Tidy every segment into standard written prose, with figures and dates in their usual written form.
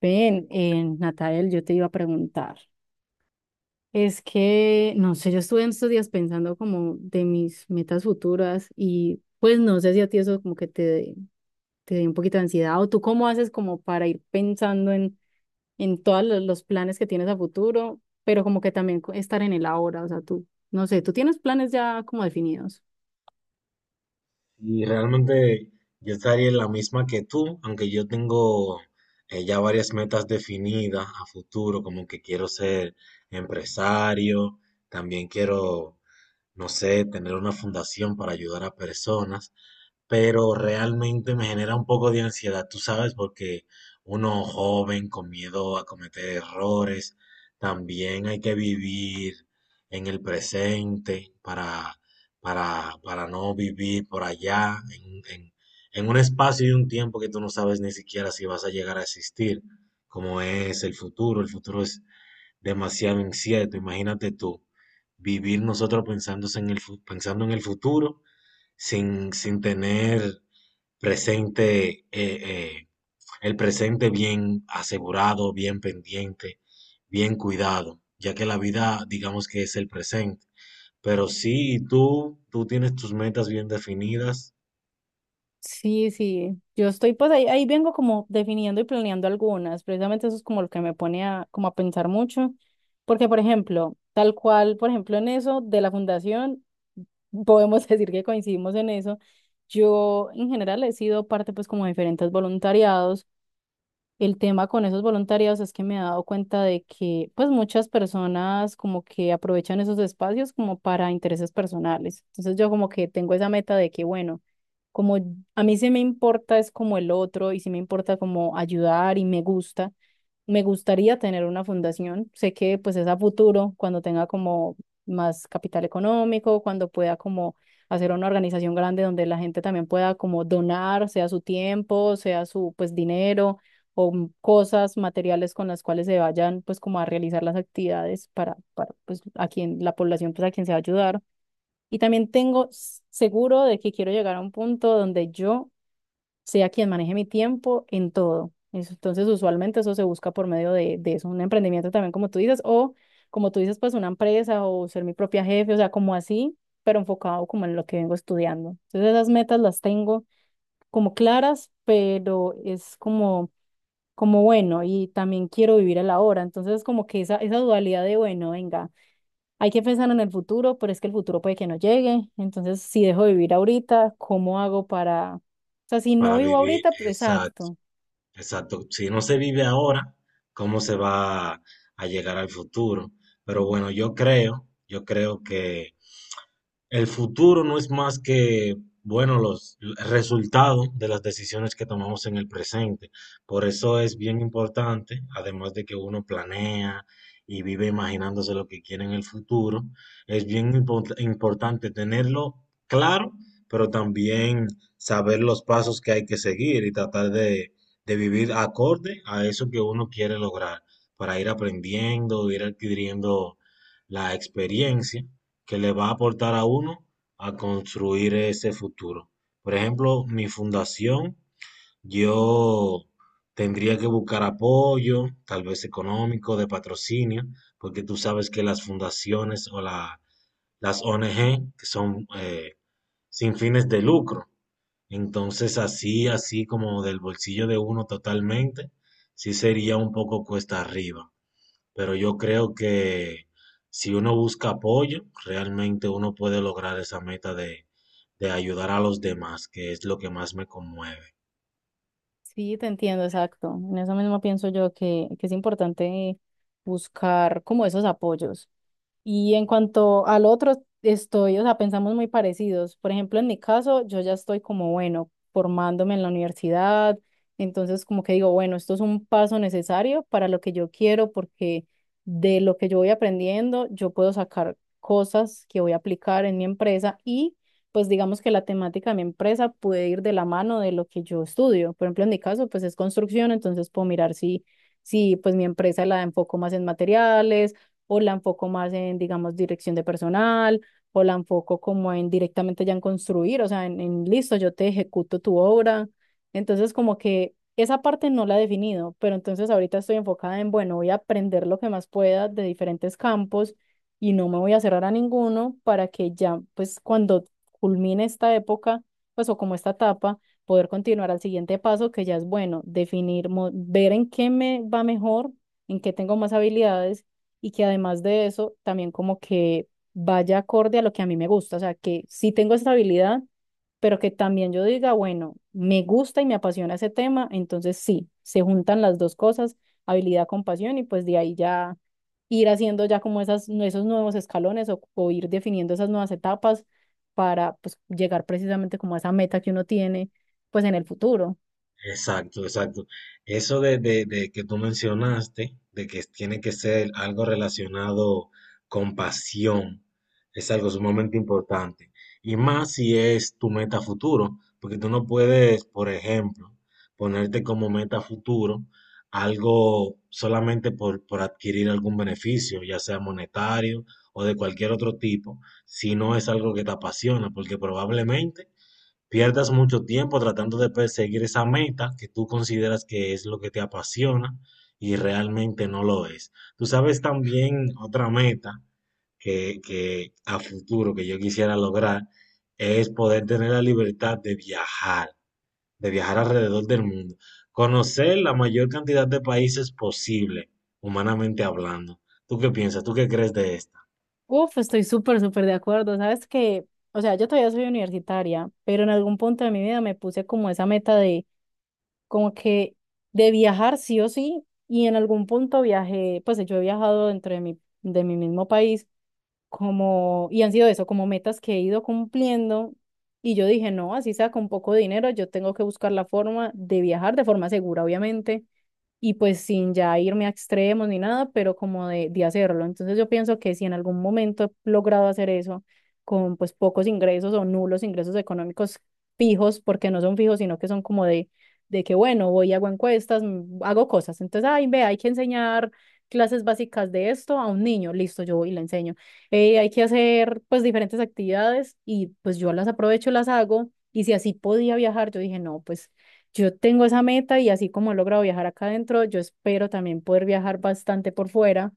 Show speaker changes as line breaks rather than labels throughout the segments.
Ven, Natael, yo te iba a preguntar. Es que, no sé, yo estuve en estos días pensando como de mis metas futuras y pues no sé si a ti eso como que te dio un poquito de ansiedad o tú cómo haces como para ir pensando en todos los planes que tienes a futuro, pero como que también estar en el ahora, o sea, tú, no sé, ¿tú tienes planes ya como definidos?
Y realmente yo estaría en la misma que tú, aunque yo tengo ya varias metas definidas a futuro, como que quiero ser empresario, también quiero, no sé, tener una fundación para ayudar a personas, pero realmente me genera un poco de ansiedad, tú sabes, porque uno joven con miedo a cometer errores, también hay que vivir en el presente, para no vivir por allá, en un espacio y un tiempo que tú no sabes ni siquiera si vas a llegar a existir, como es el futuro. El futuro es demasiado incierto, imagínate tú. Vivir nosotros pensándose pensando en el futuro sin tener presente, el presente bien asegurado, bien pendiente, bien cuidado, ya que la vida, digamos, que es el presente. Pero sí, tú tienes tus metas bien definidas
Sí, sí, yo estoy pues ahí vengo como definiendo y planeando algunas, precisamente eso es como lo que me pone como a pensar mucho, porque por ejemplo, tal cual, por ejemplo en eso de la fundación, podemos decir que coincidimos en eso. Yo en general he sido parte pues como de diferentes voluntariados. El tema con esos voluntariados es que me he dado cuenta de que pues muchas personas como que aprovechan esos espacios como para intereses personales. Entonces yo como que tengo esa meta de que bueno, como a mí sí me importa es como el otro y sí me importa como ayudar y me gusta, me gustaría tener una fundación. Sé que pues es a futuro, cuando tenga como más capital económico, cuando pueda como hacer una organización grande donde la gente también pueda como donar, sea su tiempo, sea su pues dinero o cosas materiales con las cuales se vayan pues como a realizar las actividades para pues a quien la población pues a quien se va a ayudar. Y también tengo seguro de que quiero llegar a un punto donde yo sea quien maneje mi tiempo en todo. Entonces, usualmente eso se busca por medio de eso, un emprendimiento también, como tú dices, o como tú dices, pues una empresa o ser mi propia jefe, o sea, como así, pero enfocado como en lo que vengo estudiando. Entonces, esas metas las tengo como claras, pero es como, como bueno, y también quiero vivir el ahora. Entonces, como que esa dualidad de, bueno, venga. Hay que pensar en el futuro, pero es que el futuro puede que no llegue. Entonces, si dejo de vivir ahorita, ¿cómo hago para... O sea, si no
para
vivo
vivir,
ahorita, pues
exacto,
exacto.
exacto. Si no se vive ahora, ¿cómo se va a llegar al futuro? Pero
Mm.
bueno, yo creo que el futuro no es más que, bueno, los el resultado de las decisiones que tomamos en el presente. Por eso es bien importante, además de que uno planea y vive imaginándose lo que quiere en el futuro, es bien importante tenerlo claro, pero también saber los pasos que hay que seguir y tratar de vivir acorde a eso que uno quiere lograr, para ir aprendiendo, ir adquiriendo la experiencia que le va a aportar a uno a construir ese futuro. Por ejemplo, mi fundación, yo tendría que buscar apoyo, tal vez económico, de patrocinio, porque tú sabes que las fundaciones las ONG, que son sin fines de lucro. Entonces, así, así como del bolsillo de uno totalmente, sí sería un poco cuesta arriba. Pero yo creo que si uno busca apoyo, realmente uno puede lograr esa meta de ayudar a los demás, que es lo que más me conmueve.
Sí, te entiendo, exacto. En eso mismo pienso yo que es importante buscar como esos apoyos. Y en cuanto al otro, estoy, o sea, pensamos muy parecidos. Por ejemplo, en mi caso, yo ya estoy como, bueno, formándome en la universidad, entonces como que digo, bueno, esto es un paso necesario para lo que yo quiero, porque de lo que yo voy aprendiendo, yo puedo sacar cosas que voy a aplicar en mi empresa y pues digamos que la temática de mi empresa puede ir de la mano de lo que yo estudio. Por ejemplo, en mi caso, pues es construcción, entonces puedo mirar si pues mi empresa la enfoco más en materiales o la enfoco más en, digamos, dirección de personal, o la enfoco como en directamente ya en construir, o sea, en listo, yo te ejecuto tu obra. Entonces, como que esa parte no la he definido, pero entonces ahorita estoy enfocada en, bueno, voy a aprender lo que más pueda de diferentes campos y no me voy a cerrar a ninguno para que ya, pues, cuando culmine esta época, pues, o como esta etapa, poder continuar al siguiente paso, que ya es bueno, definir, ver en qué me va mejor, en qué tengo más habilidades y que además de eso también como que vaya acorde a lo que a mí me gusta, o sea, que sí tengo esta habilidad, pero que también yo diga, bueno, me gusta y me apasiona ese tema, entonces sí, se juntan las dos cosas, habilidad con pasión y pues de ahí ya ir haciendo ya como esos nuevos escalones o ir definiendo esas nuevas etapas para pues llegar precisamente como a esa meta que uno tiene pues en el futuro.
Exacto, exacto. Eso de que tú mencionaste, de que tiene que ser algo relacionado con pasión, es algo sumamente importante. Y más si es tu meta futuro, porque tú no puedes, por ejemplo, ponerte como meta futuro algo solamente por adquirir algún beneficio, ya sea monetario o de cualquier otro tipo, si no es algo que te apasiona, porque probablemente pierdas mucho tiempo tratando de perseguir esa meta que tú consideras que es lo que te apasiona y realmente no lo es. Tú sabes, también otra meta que a futuro que yo quisiera lograr es poder tener la libertad de viajar alrededor del mundo, conocer la mayor cantidad de países posible, humanamente hablando. ¿Tú qué piensas? ¿Tú qué crees de esta?
Uf, estoy súper, súper de acuerdo. Sabes que, o sea, yo todavía soy universitaria, pero en algún punto de mi vida me puse como esa meta de, como que, de viajar sí o sí. Y en algún punto viajé, pues yo he viajado dentro de de mi mismo país, como, y han sido eso, como metas que he ido cumpliendo. Y yo dije, no, así sea con poco dinero, yo tengo que buscar la forma de viajar de forma segura, obviamente, y pues sin ya irme a extremos ni nada, pero como de hacerlo. Entonces yo pienso que si en algún momento he logrado hacer eso con pues pocos ingresos o nulos ingresos económicos fijos, porque no son fijos, sino que son como de que bueno, voy, hago encuestas, hago cosas. Entonces, ay, ve, hay que enseñar clases básicas de esto a un niño, listo, yo voy y le enseño. Hay que hacer pues diferentes actividades y pues yo las aprovecho, las hago. Y si así podía viajar, yo dije, no, pues yo tengo esa meta y así como he logrado viajar acá adentro, yo espero también poder viajar bastante por fuera.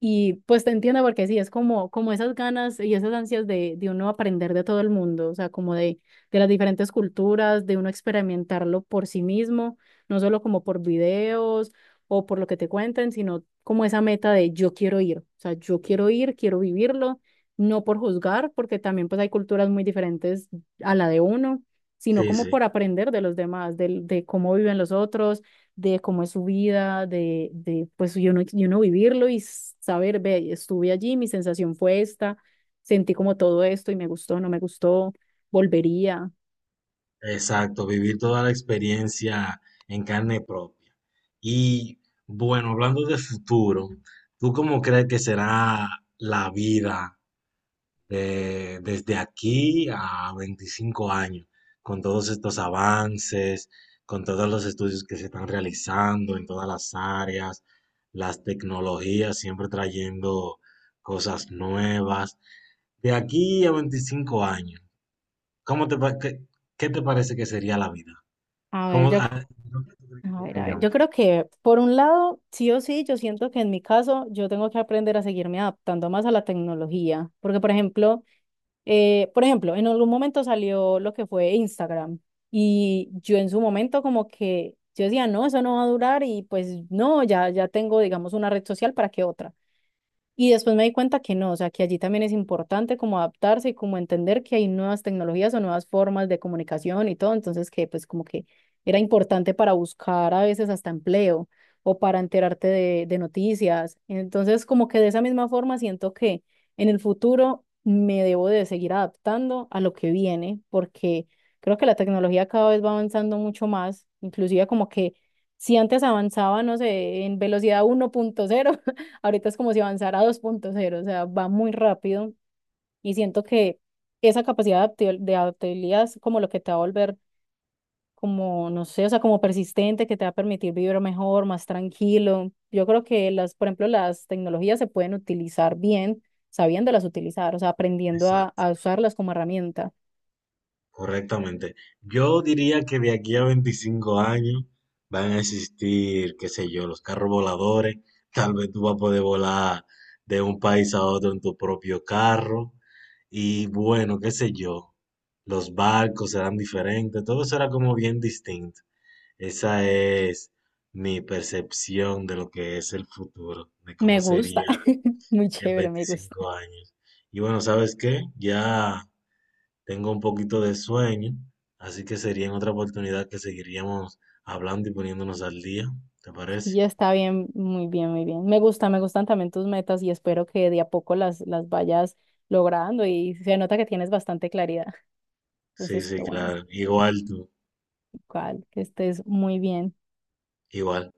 Y pues te entiendo porque sí, es como, esas ganas y esas ansias de uno aprender de todo el mundo, o sea, como de las diferentes culturas, de uno experimentarlo por sí mismo, no solo como por videos o por lo que te cuenten, sino como esa meta de yo quiero ir, o sea, yo quiero ir, quiero vivirlo, no por juzgar, porque también pues hay culturas muy diferentes a la de uno, sino
Sí,
como por
sí.
aprender de los demás, del de cómo viven los otros, de cómo es su vida, de pues yo no vivirlo y saber, ve, estuve allí, mi sensación fue esta, sentí como todo esto y me gustó, no me gustó, volvería.
Exacto, vivir toda la experiencia en carne propia. Y bueno, hablando de futuro, ¿tú cómo crees que será la vida desde aquí a 25 años, con todos estos avances, con todos los estudios que se están realizando en todas las áreas, las tecnologías siempre trayendo cosas nuevas? De aquí a 25 años, ¿cómo qué te parece que sería la vida?
A ver,
¿Cómo,
ya
a dónde tú crees que
A ver,
llegaríamos?
yo creo que por un lado, sí o sí, yo siento que en mi caso yo tengo que aprender a seguirme adaptando más a la tecnología, porque por ejemplo, en algún momento salió lo que fue Instagram y yo en su momento como que yo decía, no, eso no va a durar y pues no, ya tengo, digamos, una red social para que otra. Y después me di cuenta que no, o sea, que allí también es importante como adaptarse y como entender que hay nuevas tecnologías o nuevas formas de comunicación y todo, entonces que pues como que era importante para buscar a veces hasta empleo o para enterarte de noticias. Entonces como que de esa misma forma siento que en el futuro me debo de seguir adaptando a lo que viene, porque creo que la tecnología cada vez va avanzando mucho más, inclusive como que si antes avanzaba, no sé, en velocidad 1.0. Ahorita es como si avanzara a 2.0, o sea, va muy rápido, y siento que esa capacidad de adaptabil- de adaptabilidad es como lo que te va a volver como, no sé, o sea, como persistente, que te va a permitir vivir mejor, más tranquilo. Yo creo que las, por ejemplo, las tecnologías se pueden utilizar bien, sabiéndolas utilizar, o sea, aprendiendo a,
Exacto,
a usarlas como herramienta.
correctamente. Yo diría que de aquí a 25 años van a existir, qué sé yo, los carros voladores. Tal vez tú vas a poder volar de un país a otro en tu propio carro. Y bueno, qué sé yo, los barcos serán diferentes, todo será como bien distinto. Esa es mi percepción de lo que es el futuro, de
Me
cómo
gusta,
sería
muy
en
chévere, me gusta.
25 años. Y bueno, ¿sabes qué? Ya tengo un poquito de sueño, así que sería en otra oportunidad que seguiríamos hablando y poniéndonos al día, ¿te
Y
parece?
ya está bien, muy bien, muy bien. Me gusta, me gustan también tus metas y espero que de a poco las vayas logrando y se nota que tienes bastante claridad.
Sí,
Entonces, qué
sí,
bueno,
claro. Igual tú,
cual, que estés muy bien.
igual.